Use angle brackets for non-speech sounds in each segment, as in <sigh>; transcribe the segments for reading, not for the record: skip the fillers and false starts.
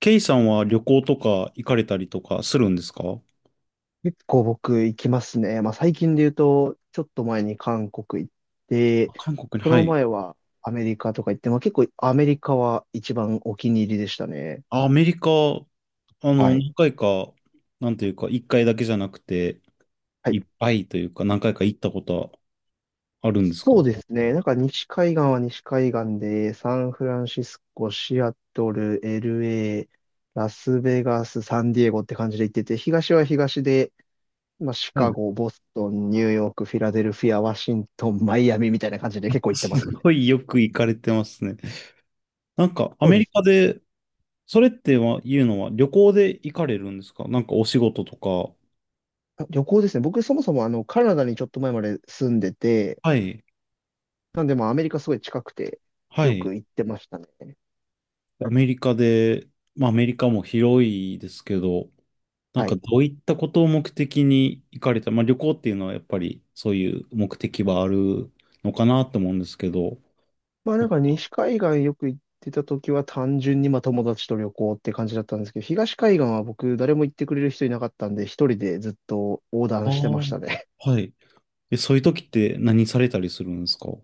ケイさんは旅行とか行かれたりとかするんですか？結構僕行きますね。まあ最近で言うと、ちょっと前に韓国行って、韓国に、そはのい。前はアメリカとか行って、まあ結構アメリカは一番お気に入りでしたね。あアメリカ、はい。何回か、なんというか、一回だけじゃなくて、はい。いっぱいというか、何回か行ったことあるんですか？そうですね。なんか西海岸は西海岸で、サンフランシスコ、シアトル、LA、ラスベガス、サンディエゴって感じで行ってて、東は東で、まあシうカん。ゴ、ボストン、ニューヨーク、フィラデルフィア、ワシントン、マイアミみたいな感じで結構行ってますすね。ごいよく行かれてますね。なんか、アそうメでリす。カで、それってはいうのは、旅行で行かれるんですか？なんかお仕事とか。あ、旅行ですね。僕、そもそもカナダにちょっと前まで住んでて、はい、なんで、まあ、アメリカすごい近くて、はよい。く行ってましたね。アメリカで、まあ、アメリカも広いですけど、なんはかい。どういったことを目的に行かれた、まあ、旅行っていうのはやっぱりそういう目的はあるのかなと思うんですけど。まあ、なんか、西海岸よく行ってた時は、単純に、まあ、友達と旅行って感じだったんですけど、東海岸は僕、誰も行ってくれる人いなかったんで、一人でずっと横あ断してまあ、したね。はい。え、そういう時って何されたりするんですか？は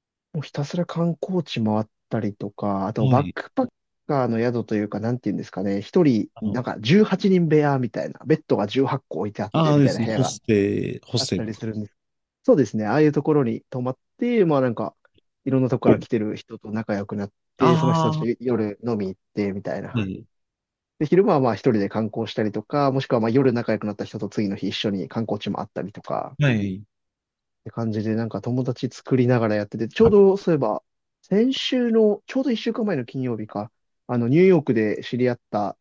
<laughs> もうひたすら観光地回ったりとか、あと、バッい。クパッカーの宿というか、なんていうんですかね、一人、あなんの、か、18人部屋みたいな、ベッドが18個置いてあって、ああみでたいすなね、部屋がホあスっテたルりか。するんです。そうですね。ああいうところに泊まって、まあなんか、いろんなとこから来てる人と仲良くなっあて、その人あ、たちはと夜飲み行ってみたいな。い。で、昼間はまあ一人で観光したりとか、もしくはまあ夜仲良くなった人と次の日一緒に観光地もあったりとか、はい。って感じでなんか友達作りながらやってて、ちょうどそういえば、先週の、ちょうど一週間前の金曜日か、ニューヨークで知り合った、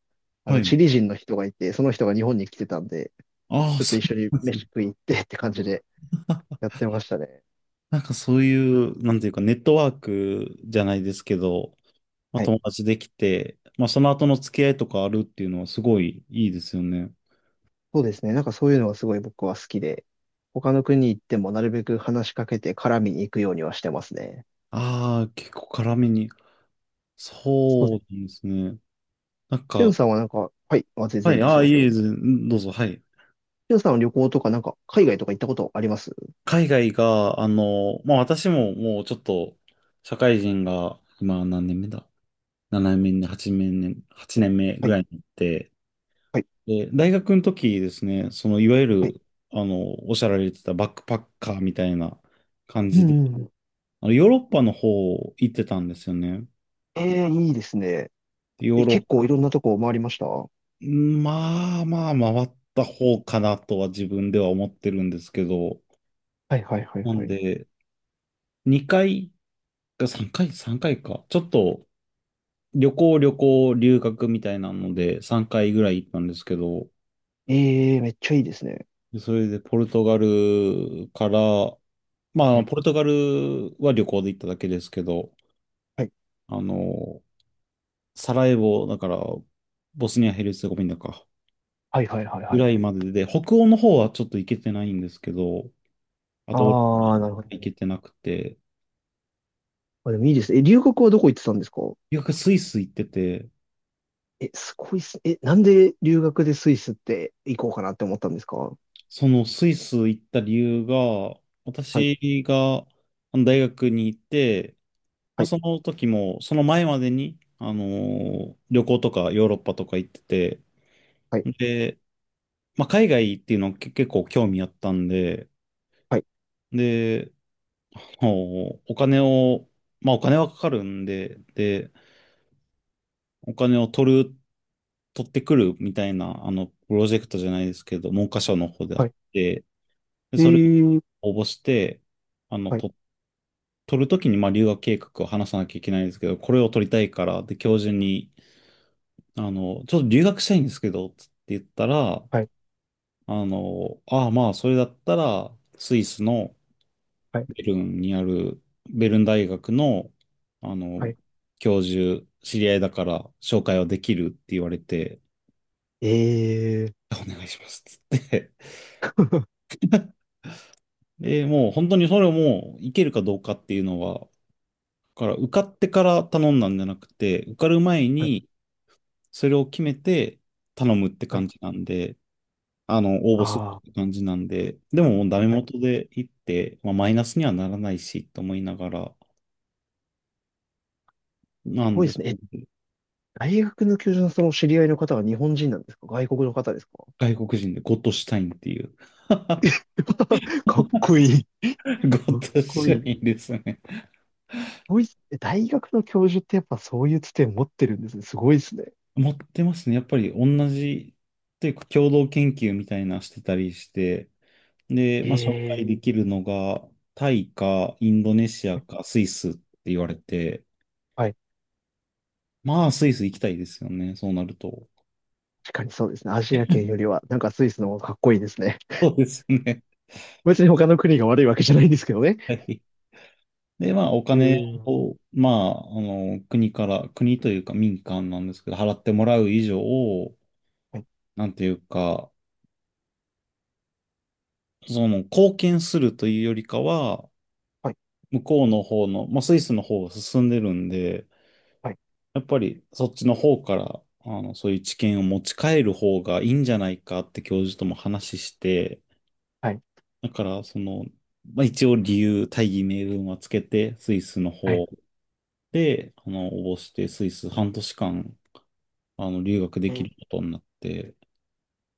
はい。チリ人の人がいて、その人が日本に来てたんで、ああ、ちょっとそ一緒にうなんです飯ね。食い行ってって感じであ、やってましたね。なんかそういう、なんていうか、ネットワークじゃないですけど、まあ、はい。友達できて、まあ、その後の付き合いとかあるっていうのはすごいいいですよね。そうですね。なんかそういうのがすごい僕は好きで、他の国行ってもなるべく話しかけて絡みに行くようにはしてますね。ああ、結構辛めに。そうでそうす。なんですね。なんしゅか、んさんはなんか、はい、あ、全は然いい、いであすあ、いよ。えいえ、どうぞ、はい。しゅんさんは旅行とかなんか海外とか行ったことあります？海外が、まあ私ももうちょっと、社会人が、今何年目だ？ 7 年目、8年目、8年目はぐい、らいになって、はい、で、大学の時ですね、その、いわゆはい。る、おっしゃられてたバックパッカーみたいな感うじで、ん、うん。ヨーロッパの方行ってたんですよね。ええ、いいですね。でヨえ、ーロッ結構いろんなとこ回りました？はまあまあ回った方かなとは自分では思ってるんですけど、いはいはいなはんい。で、2回か3回、3回かいか。ちょっと旅行、旅行、留学みたいなので3回ぐらい行ったんですけど、ええ、めっちゃいいですね。でそれでポルトガルから、まはあい、ポルトガルは旅行で行っただけですけど、はい、あの、サラエボ、だからボスニア・ヘルツェゴビナか、はいはいはいぐはらい。いまでで、北欧の方はちょっと行けてないんですけど、ああと、オーストあ、リなるほど。ア行けてなくて、あ、でもいいですね。え、留学はどこ行ってたんですか？留学スイス行ってて、え、すごいっす。え、なんで留学でスイスって行こうかなって思ったんですか？はそのスイス行った理由が、い、私があの大学に行って、まはあ、い、その時も、その前までに、旅行とかヨーロッパとか行ってて、はい、で、まあ、海外っていうのけ結構興味あったんで、はい、で、もうお金を、まあ、お金はかかるんで、で、お金を取ってくるみたいな、プロジェクトじゃないですけど、文科省の方であはっい。て、で、えそれー、を応募して、あの、はい、と、取るときに、まあ、留学計画を話さなきゃいけないんですけど、これを取りたいから、で、教授に、ちょっと留学したいんですけど、つって言ったら、はい、ああ、まあ、それだったら、スイスのはい、ベルンにある、ベルン大学の、あはの、い。教授、知り合いだから、紹介はできるって言われて、えー、お願いします、つって。で、もう本当にそれをもう、いけるかどうかっていうのは、受かってから頼んだんじゃなくて、受かる前はい、に、それを決めて頼むっては感い。じなんで、応募するあっあ、て感じなんで、でももうダメはい。元で行って、まあ、マイナスにはならないし、と思いながら、すなんごいで、でそすね。え、う。大学の教授のその知り合いの方は日本人なんですか？外国の方ですか？ 外国人でゴッドシュタインっていう <laughs> ゴ <laughs> かっこいい。かっッドこシいュい。タインすですね。ごいっす。え、大学の教授ってやっぱそういうつて持ってるんですね。すごいですね。持ってますね。やっぱり同じ、というか共同研究みたいなしてたりして、で、まあ、紹介でえきるのが、タイか、インドネシアー、か、スイスって言われて、はい。まあ、スイス行きたいですよね、そうなると。確かにそうですね。アジア圏よりは、なんかスイスの方がかっこいいですね。そうですよね。別に他の国が悪いわけじゃないんですけどね。はい。で、まあ、おえ金ー、を、まあ、国から、国というか民間なんですけど、払ってもらう以上を、はい、なんていうか、その、貢献するというよりかは、はい、向こうの方の、まあ、スイスの方が進んでるんで、はい、やっぱりそっちの方から、そういう知見を持ち帰る方がいいんじゃないかって教授とも話して、はい、だからその、まあ、一応理由、大義名分はつけて、スイスのはい。方で、応募して、スイス半年間、留学でえきー、ることになって、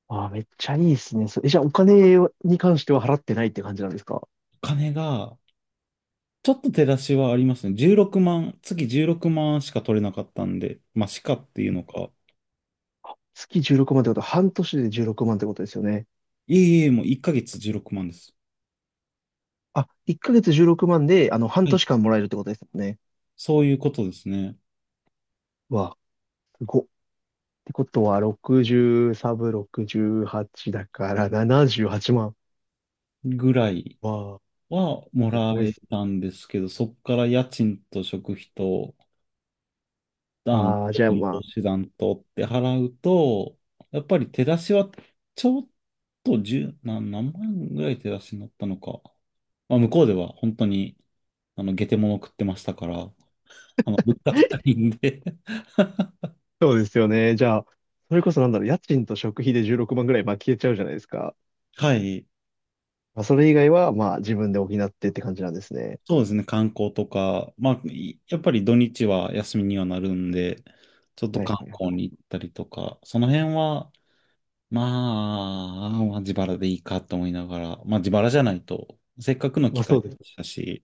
あー、めっちゃいいですね。そえ、じゃあお金に関しては払ってないって感じなんですか？お金が、ちょっと手出しはありますね。16万、月16万しか取れなかったんで、まあ、しかっていうのか、月16万ってことは半年で16万ってことですよね。いえいえ、もう1ヶ月16万です。あ、1ヶ月16万で、半はい、年間もらえるってことですよね。そういうことですね。わあ、すごっ。ってことは、60サブ68だから78万。ぐらいわあ、はもすらごいっえす。たんですけど、そこから家賃と食費と、あの、ああ、じゃあま投あ、資団とって払うと、やっぱり手出しはちょっと十何、何万ぐらい手出しになったのか。まあ、向こうでは本当に、下手物食ってましたから、物価高いんで <laughs> そうですよね。じゃあ、それこそなんだろう、家賃と食費で16万ぐらい、まあ消えちゃうじゃないですか。はい。まあ、それ以外は、まあ、自分で補ってって感じなんですね。そうですね、観光とか、まあ、いやっぱり土日は休みにはなるんで、ちょっとはい観はいはい。光に行ったりとか、その辺は、ままあ自腹でいいかと思いながら、まあ自腹じゃないと、せっかくのま機あ、会そうでです。したし、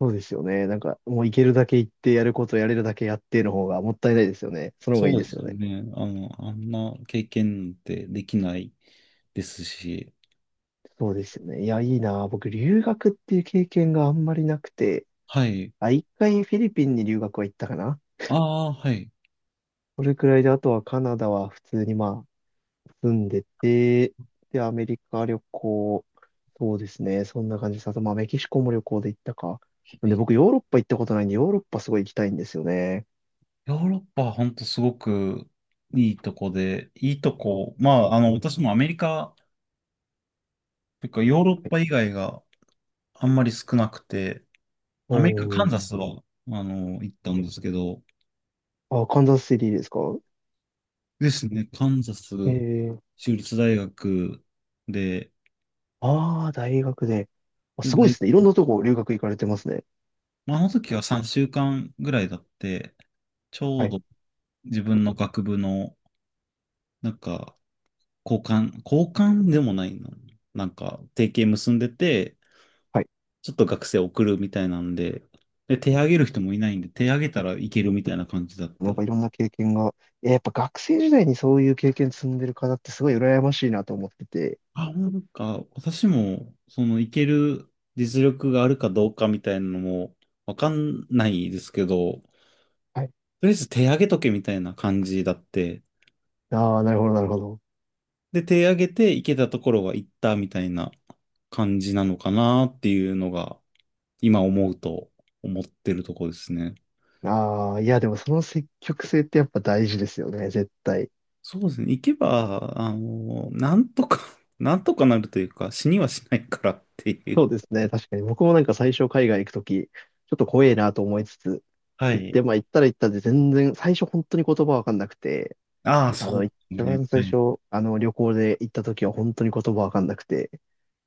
そうですよね。なんか、もう行けるだけ行って、やることやれるだけやっての方がもったいないですよね。その方がいいそうでですすよよね。ね。あんな経験ってできないですし、そうですよね。いや、いいな。僕、留学っていう経験があんまりなくて、はい。あ、一回フィリピンに留学は行ったかな。ああ、はい。それくらいで、あとはカナダは普通にまあ、住んでて、で、アメリカ旅行、そうですね。そんな感じです。あと、まあ、メキシコも旅行で行ったか。なんで、僕、ヨーロッパ行ったことないんで、ヨーロッパすごい行きたいんですよね。ヨーロッパは本当すごくいいとこで、いいとこ、まあ、私もアメリカ、というかヨーロッパ以外があんまり少なくて、おアメリカ、カンー、ザスは、行ったんですけど、あ、カンザスシティですか？ですね。カンザスええー、州立大学で、ああ、大学で。あ、ですごいで大すね。いろんなとこ留学行かれてますね。まあ、あの時は3週間ぐらいだって、ちょはうい。ど自分の学部の、なんか、交換、交換でもないの。なんか、提携結んでて、はい。ちょっと学生送るみたいなんで、で、手挙げる人もいないんで、手挙げたらいけるみたいな感じだっなんて。かいろんな経験が。いや、やっぱ学生時代にそういう経験積んでる方ってすごい羨ましいなと思ってて。あ、なんか、私も、その、いける実力があるかどうかみたいなのも、わかんないですけど、はい。とりあえず手上げとけみたいな感じだって。ああ、なるほど、なるほど。で、手上げて行けたところは行ったみたいな感じなのかなっていうのが、今思うと思ってるところですね。ああ、いや、でもその積極性ってやっぱ大事ですよね、絶対。そうですね。行けば、あの、なんとか <laughs> なんとかなるというか、死にはしないからっていう。そうですね。確かに僕もなんか最初海外行くとき、ちょっと怖えなと思いつつ、は行っい。て、まあ行ったら行ったで全然、最初本当に言葉わかんなくて、ああ、そうで一すね。番最はい。初、旅行で行った時は本当に言葉わかんなくて、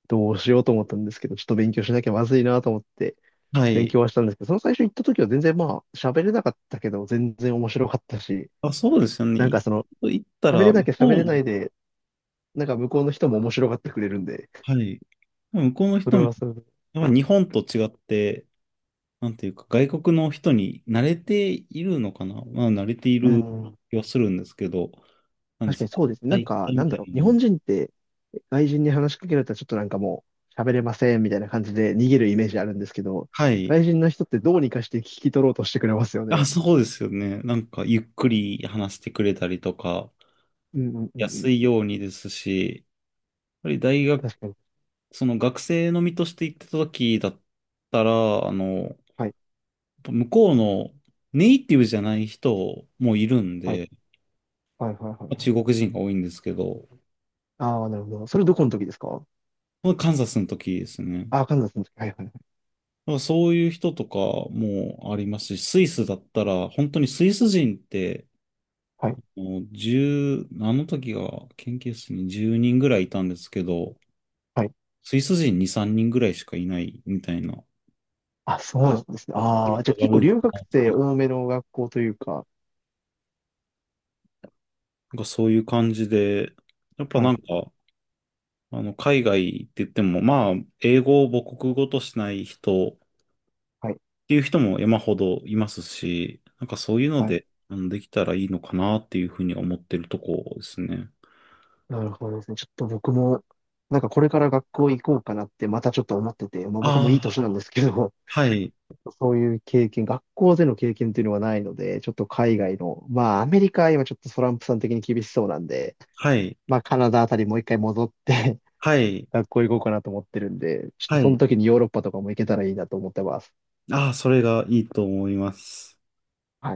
どうしようと思ったんですけど、ちょっと勉強しなきゃまずいなと思って、は勉い。強はしたんですけど、その最初行った時は全然まあ、喋れなかったけど、全然面白かったし、あ、そうですよね。なんかその、行った喋れら、な向きゃ喋これうなも、いで、なんか向こうの人も面白がってくれるんで、はい。向こうのそ人れも、はそれで、やっぱ日本と違って、なんていうか、外国の人に慣れているのかな。まあ、慣れていうるん、気はするんですけど、なんで確かにその、そうですね。なん大か、会なみんただろいなう。日のも本人って、外人に話しかけられたらちょっとなんかもう、喋れませんみたいな感じで逃げるイメージあるんですけど、はい。外人の人ってどうにかして聞き取ろうとしてくれますよあ、ね。そうですよね。なんか、ゆっくり話してくれたりとか、うんうんうんう安ん。いようにですし、やっぱり大学、確かに。その学生の身として行ってた時だったら、はい。向こうのネイティブじゃない人もいるんはい。で、はいはいはいまあは中い。国人が多いんですけど、ああ、なるほど。それどこの時ですか？カンザスの時ですね。ああー、カンザスの時。はいはいはい。なんかそういう人とかもありますし、スイスだったら、本当にスイス人って、はい。もう10、あの時が研究室に10人ぐらいいたんですけど、はい。スイス人2、3人ぐらいしかいないみたいな、あ、そうなんですね。あとポあルあ、じゃトあガ結構ル、フ留ラ学ンス生な多めの学校というか。んかそういう感じで、やっぱはなんい。か、海外って言っても、まあ、英語を母国語としない人っはい。ていう人も山ほどいますし、なんかそういうのはい。で、できたらいいのかなっていうふうに思ってるとこですね。なるほどですね。ちょっと僕も、なんかこれから学校行こうかなってまたちょっと思ってて、まあ僕もいいあ年あ、なんですけど、はい、そういう経験、学校での経験っていうのはないので、ちょっと海外の、まあアメリカは今ちょっとトランプさん的に厳しそうなんで、はい、まあカナダあたりもう一回戻って はい、<laughs> 学校行こうかなと思ってるんで、ちょっとはそのい。時にヨーロッパとかも行けたらいいなと思ってます。ああ、それがいいと思います。はい